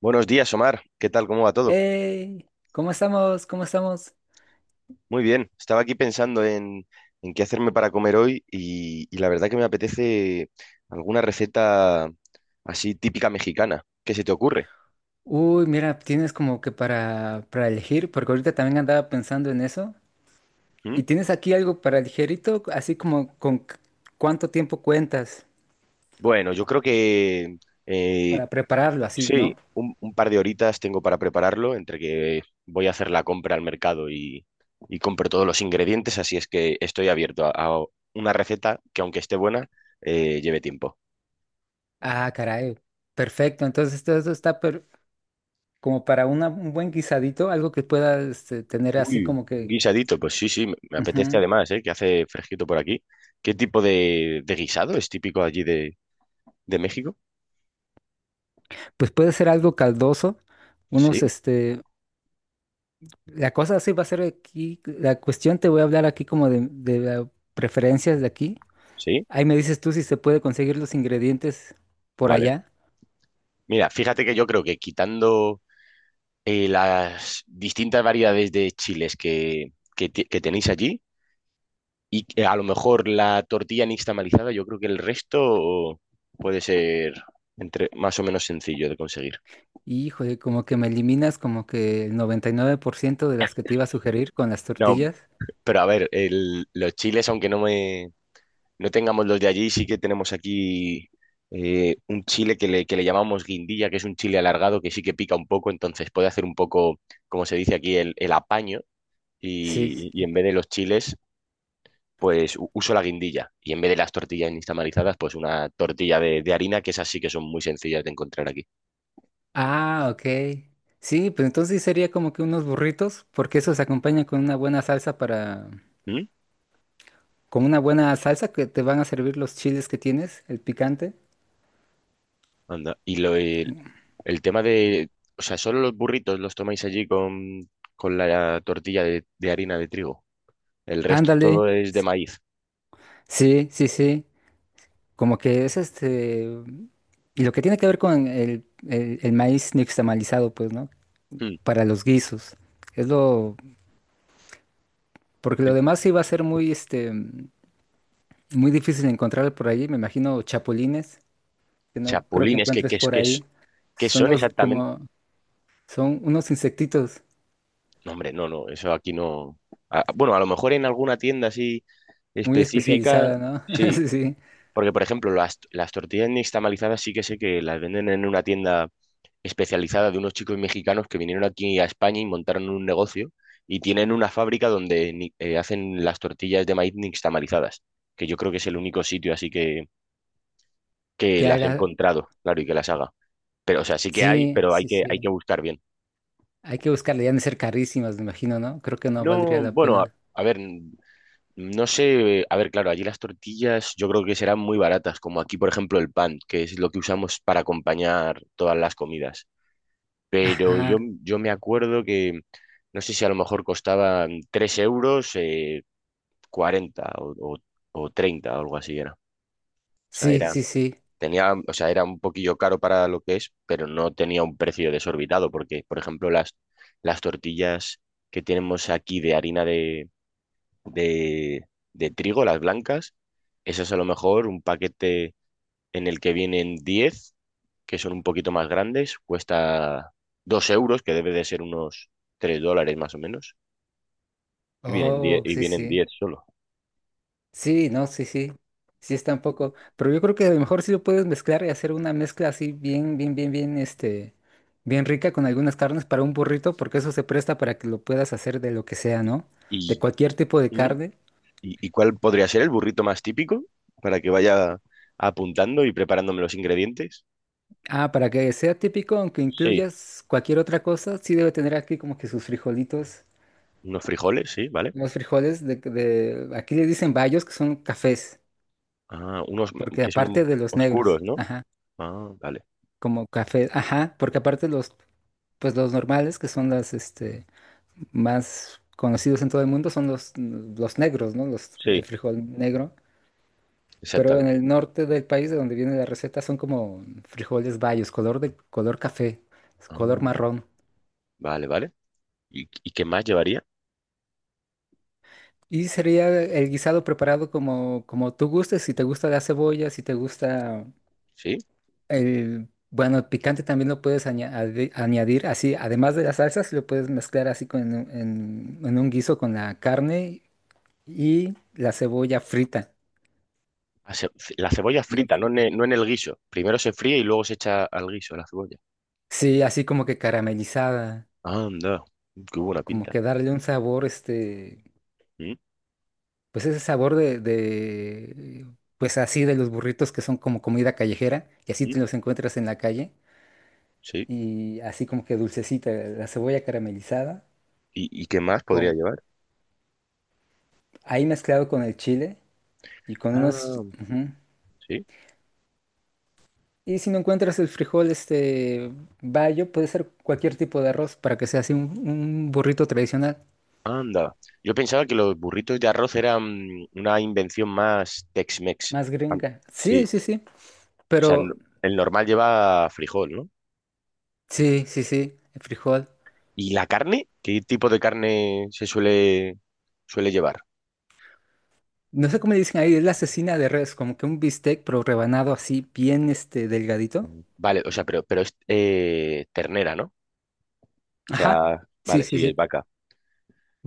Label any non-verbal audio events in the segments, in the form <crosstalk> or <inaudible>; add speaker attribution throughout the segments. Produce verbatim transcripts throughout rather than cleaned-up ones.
Speaker 1: Buenos días, Omar. ¿Qué tal? ¿Cómo va todo?
Speaker 2: Hey, ¿cómo estamos? ¿Cómo estamos?
Speaker 1: Muy bien. Estaba aquí pensando en, en qué hacerme para comer hoy y, y la verdad que me apetece alguna receta así típica mexicana. ¿Qué se te ocurre?
Speaker 2: Uy, mira, tienes como que para, para elegir, porque ahorita también andaba pensando en eso. ¿Y
Speaker 1: ¿Mm?
Speaker 2: tienes aquí algo para ligerito, así como con c- cuánto tiempo cuentas
Speaker 1: Bueno, yo creo que eh,
Speaker 2: para prepararlo, así, ¿no?
Speaker 1: sí, un, un par de horitas tengo para prepararlo entre que voy a hacer la compra al mercado y, y compro todos los ingredientes, así es que estoy abierto a, a una receta que aunque esté buena, eh, lleve tiempo.
Speaker 2: Ah, caray. Perfecto. Entonces todo eso está per- como para una- un buen guisadito, algo que pueda este, tener así
Speaker 1: Uy,
Speaker 2: como
Speaker 1: un
Speaker 2: que,
Speaker 1: guisadito, pues sí, sí, me me apetece
Speaker 2: ujú.
Speaker 1: además, ¿eh? Que hace fresquito por aquí. ¿Qué tipo de, de guisado es típico allí de, de México?
Speaker 2: Pues puede ser algo caldoso, unos
Speaker 1: Sí,
Speaker 2: este, la cosa sí va a ser aquí, la cuestión te voy a hablar aquí como de, de la- preferencias de aquí.
Speaker 1: sí,
Speaker 2: Ahí me dices tú si se puede conseguir los ingredientes por
Speaker 1: vale.
Speaker 2: allá.
Speaker 1: Mira, fíjate que yo creo que quitando eh, las distintas variedades de chiles que, que, te- que tenéis allí y que a lo mejor la tortilla nixtamalizada, yo creo que el resto puede ser entre, más o menos sencillo de conseguir.
Speaker 2: Híjole, como que me eliminas como que el noventa y nueve por ciento de las que te iba a sugerir con las
Speaker 1: No,
Speaker 2: tortillas.
Speaker 1: pero a ver, el- los chiles, aunque no me, no tengamos los de allí, sí que tenemos aquí eh, un chile que le, que le llamamos guindilla, que es un chile alargado que sí que pica un poco, entonces puede hacer un poco, como se dice aquí, el, el apaño
Speaker 2: Sí.
Speaker 1: y, y
Speaker 2: Sí.
Speaker 1: en vez de los chiles, pues u- uso la guindilla y en vez de las tortillas instamarizadas, pues una tortilla de, de harina, que esas sí que son muy sencillas de encontrar aquí.
Speaker 2: Ah, ok. Sí, pues entonces sí sería como que unos burritos, porque eso se acompaña con una buena salsa para,
Speaker 1: ¿Mm?
Speaker 2: con una buena salsa que te van a servir los chiles que tienes, el picante.
Speaker 1: Anda. Y lo, el, el tema de, o sea, solo los burritos los tomáis allí con, con la tortilla de, de harina de trigo. El resto
Speaker 2: Ándale.
Speaker 1: todo es de maíz.
Speaker 2: Sí, sí, sí. Como que es este... Y lo que tiene que ver con el, el, el maíz nixtamalizado, pues, ¿no?
Speaker 1: Mm.
Speaker 2: Para los guisos. Es lo... Porque lo demás sí va a ser muy, este, muy difícil encontrar por allí. Me imagino chapulines, que no creo que
Speaker 1: Chapulines es que,
Speaker 2: encuentres
Speaker 1: ¿qué, es,
Speaker 2: por
Speaker 1: qué es-
Speaker 2: ahí.
Speaker 1: qué
Speaker 2: Son
Speaker 1: son
Speaker 2: los
Speaker 1: exactamente?
Speaker 2: como... Son unos insectitos
Speaker 1: No, hombre, no, no, eso aquí no. Ah, bueno, a lo mejor en alguna tienda así
Speaker 2: muy
Speaker 1: específica,
Speaker 2: especializados, ¿no? <laughs>
Speaker 1: sí.
Speaker 2: Sí, sí.
Speaker 1: Porque, por ejemplo, las, las tortillas nixtamalizadas sí que sé que las venden en una tienda especializada de unos chicos mexicanos que vinieron aquí a España y montaron un negocio y tienen una fábrica donde ni- eh, hacen las tortillas de maíz nixtamalizadas, que yo creo que es el único sitio así que, que
Speaker 2: Que
Speaker 1: las he
Speaker 2: haga...
Speaker 1: encontrado, claro, y que las haga. Pero, o sea, sí que hay,
Speaker 2: Sí,
Speaker 1: pero hay
Speaker 2: sí,
Speaker 1: que, hay
Speaker 2: sí.
Speaker 1: que buscar bien.
Speaker 2: Hay que buscarle. Ya han de ser carísimas, me imagino, ¿no? Creo que no
Speaker 1: No,
Speaker 2: valdría la
Speaker 1: bueno, a,
Speaker 2: pena.
Speaker 1: a ver, no sé, a ver, claro, allí las tortillas yo creo que serán muy baratas, como aquí, por ejemplo, el pan, que es lo que usamos para acompañar todas las comidas. Pero yo,
Speaker 2: Ajá.
Speaker 1: yo me acuerdo que, no sé si a lo mejor costaban tres euros, eh, cuarenta o, o, o treinta o algo así era. O sea,
Speaker 2: Sí,
Speaker 1: era,
Speaker 2: sí, sí.
Speaker 1: tenía, o sea, era un poquillo caro para lo que es, pero no tenía un precio desorbitado, porque, por ejemplo, las, las tortillas que tenemos aquí de harina de de, de trigo, las blancas. Esas a lo mejor un paquete en el que vienen diez que son un poquito más grandes, cuesta dos euros, que debe de ser unos tres dólares más o menos, y vienen diez
Speaker 2: Oh,
Speaker 1: y
Speaker 2: sí,
Speaker 1: vienen
Speaker 2: sí.
Speaker 1: diez solo.
Speaker 2: Sí, no, sí, sí. Sí está un poco. Pero yo creo que a lo mejor sí lo puedes mezclar y hacer una mezcla así bien, bien, bien, bien, este, bien rica con algunas carnes para un burrito, porque eso se presta para que lo puedas hacer de lo que sea, ¿no? De
Speaker 1: ¿Y,
Speaker 2: cualquier tipo de
Speaker 1: ¿Mm?
Speaker 2: carne.
Speaker 1: y, y cuál podría ser el burrito más típico para que vaya apuntando y preparándome los ingredientes?
Speaker 2: Ah, para que sea típico, aunque
Speaker 1: Sí,
Speaker 2: incluyas cualquier otra cosa, sí debe tener aquí como que sus frijolitos.
Speaker 1: unos frijoles, sí, ¿vale?
Speaker 2: Los frijoles de, de, aquí le dicen bayos, que son cafés,
Speaker 1: Ah, unos
Speaker 2: porque
Speaker 1: que son
Speaker 2: aparte de los negros,
Speaker 1: oscuros, ¿no?
Speaker 2: ajá,
Speaker 1: Ah, vale.
Speaker 2: como café, ajá, porque aparte los pues los normales, que son las este, más conocidos en todo el mundo, son los, los negros, ¿no? Los,
Speaker 1: Sí,
Speaker 2: el frijol negro. Pero en
Speaker 1: exactamente.
Speaker 2: el norte del país, de donde viene la receta, son como frijoles bayos, color de color café,
Speaker 1: Ah,
Speaker 2: color marrón.
Speaker 1: vale, vale. ¿Y, y qué más llevaría?
Speaker 2: Y sería el guisado preparado como, como tú gustes, si te gusta la cebolla, si te gusta
Speaker 1: Sí.
Speaker 2: el... Bueno, el picante también lo puedes aña- ade- añadir así, además de las salsas, lo puedes mezclar así con, en, en un guiso con la carne y la cebolla frita,
Speaker 1: La ce- la cebolla
Speaker 2: bien
Speaker 1: frita, no en
Speaker 2: frita.
Speaker 1: el, no en el guiso. Primero se fríe y luego se echa al guiso la cebolla.
Speaker 2: Sí, así como que caramelizada,
Speaker 1: Anda, qué buena
Speaker 2: como
Speaker 1: pinta.
Speaker 2: que darle un sabor, este,
Speaker 1: Mm,
Speaker 2: pues ese sabor de, de, pues así de los burritos que son como comida callejera, y así
Speaker 1: mm,
Speaker 2: te los encuentras en la calle,
Speaker 1: sí.
Speaker 2: y así como que dulcecita, la cebolla caramelizada,
Speaker 1: ¿Y, y qué más podría
Speaker 2: con,
Speaker 1: llevar?
Speaker 2: ahí mezclado con el chile y con unos...
Speaker 1: Ah,
Speaker 2: ujú.
Speaker 1: sí.
Speaker 2: Y si no encuentras el frijol, este, bayo, puede ser cualquier tipo de arroz para que sea así un un burrito tradicional.
Speaker 1: Anda. Yo pensaba que los burritos de arroz eran una invención más Tex-Mex.
Speaker 2: Más
Speaker 1: Ah,
Speaker 2: gringa.
Speaker 1: sí.
Speaker 2: Sí, sí, sí.
Speaker 1: O sea, n-
Speaker 2: Pero
Speaker 1: el normal lleva frijol, ¿no?
Speaker 2: sí, sí, sí. El frijol.
Speaker 1: ¿Y la carne? ¿Qué tipo de carne se suele, suele llevar?
Speaker 2: No sé cómo le dicen ahí, es la asesina de res, como que un bistec, pero rebanado así, bien este, delgadito.
Speaker 1: Ujú. Vale, o sea, pero, pero es eh, ternera, ¿no? O
Speaker 2: Ajá.
Speaker 1: sea,
Speaker 2: Sí,
Speaker 1: vale,
Speaker 2: sí,
Speaker 1: sí, es
Speaker 2: sí.
Speaker 1: vaca.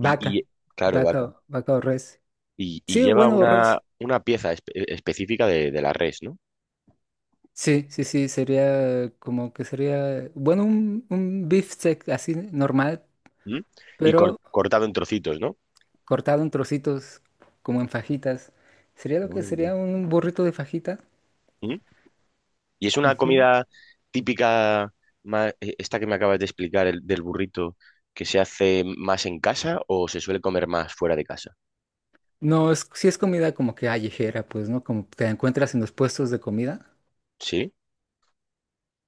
Speaker 1: Y, y claro,
Speaker 2: Vaca,
Speaker 1: vaca.
Speaker 2: o- vaca o res.
Speaker 1: Y, y
Speaker 2: Sí,
Speaker 1: lleva
Speaker 2: bueno, o
Speaker 1: una,
Speaker 2: res.
Speaker 1: una pieza espe- eh, específica de, de la res, ¿no?
Speaker 2: Sí, sí, sí. Sería como que sería, bueno, un, un beefsteak así normal,
Speaker 1: ¿Mm? Y cor-
Speaker 2: pero
Speaker 1: cortado en trocitos, ¿no?
Speaker 2: cortado en trocitos, como en fajitas. Sería lo que
Speaker 1: Anda.
Speaker 2: sería un burrito de fajita.
Speaker 1: ¿Mm? Y es una
Speaker 2: Ujú.
Speaker 1: comida típica, ma- eh, esta que me acabas de explicar, el, del burrito, que se hace más en casa o se suele comer más fuera de casa,
Speaker 2: No, es, sí es comida como que callejera, pues, ¿no? Como te encuentras en los puestos de comida,
Speaker 1: ¿sí?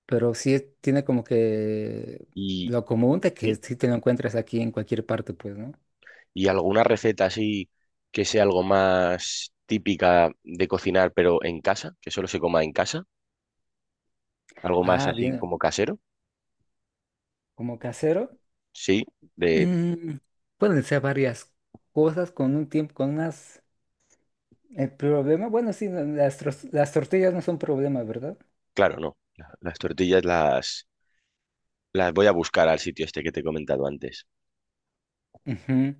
Speaker 2: pero sí es- tiene como que
Speaker 1: Y,
Speaker 2: lo común de que
Speaker 1: ¿sí?
Speaker 2: sí te lo encuentras aquí en cualquier parte, pues, ¿no?
Speaker 1: y alguna receta así que sea algo más típica de cocinar, pero en casa, que solo se coma en casa, algo más
Speaker 2: Ah,
Speaker 1: así
Speaker 2: bien,
Speaker 1: como casero.
Speaker 2: como casero,
Speaker 1: Sí, de,
Speaker 2: mm, pueden ser varias cosas con un tiempo, con unas... El problema, bueno, sí, no, las, tros- las tortillas no son problema, ¿verdad?
Speaker 1: claro, no. La- Las tortillas las, las voy a buscar al sitio este que te he comentado antes.
Speaker 2: Ujú.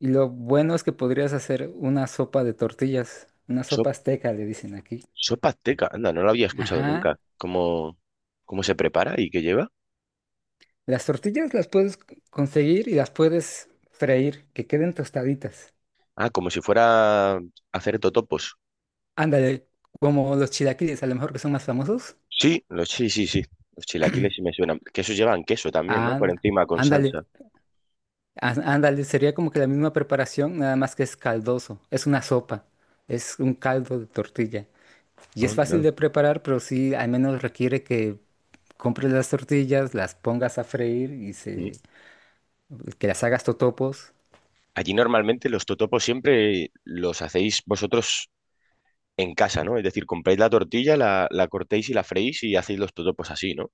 Speaker 2: Y lo bueno es que podrías hacer una sopa de tortillas, una
Speaker 1: Sop-
Speaker 2: sopa azteca, le dicen aquí.
Speaker 1: Sopa azteca, anda, no la había escuchado
Speaker 2: Ajá.
Speaker 1: nunca. ¿Cómo, cómo se prepara y qué lleva?
Speaker 2: Las tortillas las puedes conseguir y las puedes freír, que queden tostaditas.
Speaker 1: Ah, como si fuera a hacer totopos.
Speaker 2: Ándale, como los chilaquiles, a lo mejor que son más famosos.
Speaker 1: Sí, los, sí, sí, sí. Los chilaquiles sí me suenan. Que esos llevan queso también, ¿no? Por
Speaker 2: Anda,
Speaker 1: encima con
Speaker 2: ándale,
Speaker 1: salsa.
Speaker 2: á- ándale, sería como que la misma preparación, nada más que es caldoso. Es una sopa, es un caldo de tortilla. Y es fácil
Speaker 1: Anda.
Speaker 2: de preparar, pero sí, al menos requiere que compres las tortillas, las pongas a freír y se,
Speaker 1: Sí.
Speaker 2: que las hagas totopos.
Speaker 1: Allí normalmente los totopos siempre los hacéis vosotros en casa, ¿no? Es decir, compráis la tortilla, la, la cortéis y la freís y hacéis los totopos así, ¿no?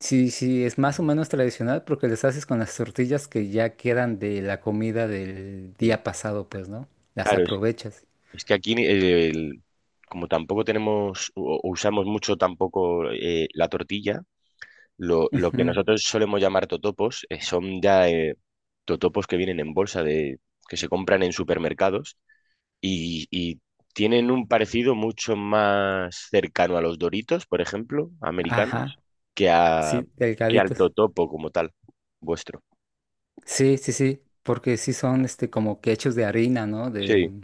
Speaker 2: Sí, sí, es más o menos tradicional porque les haces con las tortillas que ya quedan de la comida del
Speaker 1: Mm.
Speaker 2: día pasado, pues, ¿no? Las
Speaker 1: Claro, es,
Speaker 2: aprovechas.
Speaker 1: es que aquí eh, el- como tampoco tenemos o, o usamos mucho tampoco eh, la tortilla, lo, lo que
Speaker 2: Ujú.
Speaker 1: nosotros solemos llamar totopos eh, son ya eh, totopos que vienen en bolsa de que se compran en supermercados y, y tienen un parecido mucho más cercano a los Doritos, por ejemplo,
Speaker 2: Ajá,
Speaker 1: americanos, que a
Speaker 2: sí,
Speaker 1: que al
Speaker 2: delgaditos.
Speaker 1: totopo como tal, vuestro.
Speaker 2: Sí, sí, sí, porque sí son este como que hechos de harina, ¿no?
Speaker 1: Sí,
Speaker 2: De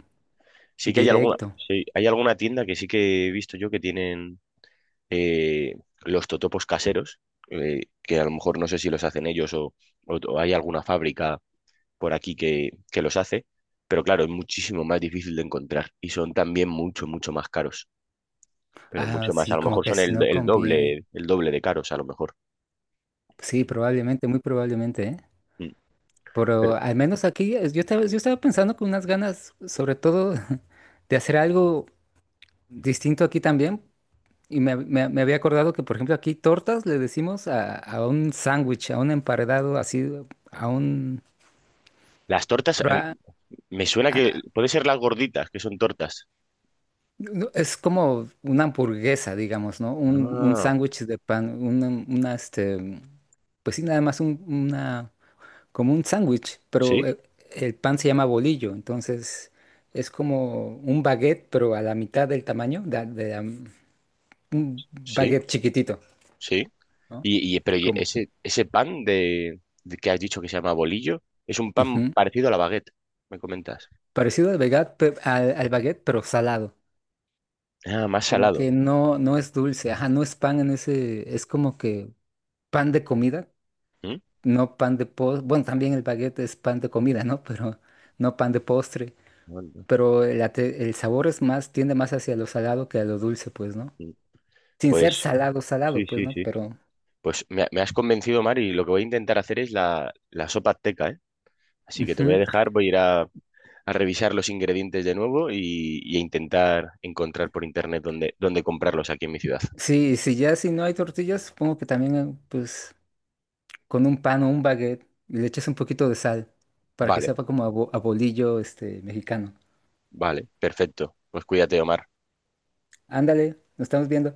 Speaker 1: sí que hay alguna,
Speaker 2: directo.
Speaker 1: sí, hay alguna tienda que sí que he visto yo que tienen eh, los totopos caseros, eh, que a lo mejor no sé si los hacen ellos o, o- o hay alguna fábrica por aquí que, que los hace, pero claro, es muchísimo más difícil de encontrar y son también mucho, mucho más caros, pero
Speaker 2: Ah,
Speaker 1: mucho más, a
Speaker 2: sí,
Speaker 1: lo
Speaker 2: como
Speaker 1: mejor
Speaker 2: que
Speaker 1: son
Speaker 2: así
Speaker 1: el,
Speaker 2: no
Speaker 1: el
Speaker 2: conviene.
Speaker 1: doble, el doble de caros a lo mejor.
Speaker 2: Sí, probablemente, muy probablemente, ¿eh?
Speaker 1: Mm. Pero
Speaker 2: Pero al menos aquí es- yo estaba, yo estaba pensando con unas ganas, sobre todo, <laughs> de hacer algo distinto aquí también. Y me, me- me había acordado que, por ejemplo, aquí tortas le decimos a, a un sándwich, a un emparedado, así, a un...
Speaker 1: las tortas, a mí-
Speaker 2: pra-
Speaker 1: me suena
Speaker 2: a-
Speaker 1: que
Speaker 2: a-
Speaker 1: puede ser las gorditas, que son tortas.
Speaker 2: no, es como una hamburguesa, digamos, ¿no? Un, un
Speaker 1: Ah,
Speaker 2: sándwich de pan, una, una, este... Pues sí, nada más un- una... como un sándwich, pero
Speaker 1: sí,
Speaker 2: el, el pan se llama bolillo, entonces es como un baguette, pero a la mitad del tamaño de, de, um, un
Speaker 1: sí,
Speaker 2: baguette chiquitito,
Speaker 1: sí.
Speaker 2: ¿no?
Speaker 1: Y, y- pero y
Speaker 2: Como...
Speaker 1: ese, ese pan de, de que has dicho que se llama bolillo, es un pan
Speaker 2: Ujú.
Speaker 1: parecido a la baguette, me comentas.
Speaker 2: Parecido al baguette, pe- al, al baguette, pero salado.
Speaker 1: Ah, más
Speaker 2: Como
Speaker 1: salado.
Speaker 2: que no, no es dulce, ajá, no es pan en ese, es como que pan de comida,
Speaker 1: ¿Mm?
Speaker 2: no pan de postre. Bueno, también el baguette es pan de comida, ¿no? <laughs> Pero no pan de postre.
Speaker 1: Bueno,
Speaker 2: Pero el, ate- el sabor es más, tiende más hacia lo salado que a lo dulce, pues, ¿no?
Speaker 1: mm,
Speaker 2: Sin
Speaker 1: pues
Speaker 2: ser salado, salado,
Speaker 1: sí,
Speaker 2: pues,
Speaker 1: sí,
Speaker 2: ¿no?
Speaker 1: sí.
Speaker 2: Pero
Speaker 1: Pues me, me has convencido, Mari, y lo que voy a intentar hacer es la, la sopa azteca, ¿eh? Así que te voy
Speaker 2: ujú.
Speaker 1: a dejar, voy a ir a, a revisar los ingredientes de nuevo y, y a intentar encontrar por internet dónde, dónde comprarlos aquí en mi ciudad.
Speaker 2: Sí, si ya si no hay tortillas, supongo que también, eh, pues, con un pan o un baguette y le echas un poquito de sal para que
Speaker 1: Vale,
Speaker 2: sepa como a, bo- a bolillo este mexicano.
Speaker 1: vale, perfecto. Pues cuídate, Omar.
Speaker 2: Ándale, nos estamos viendo.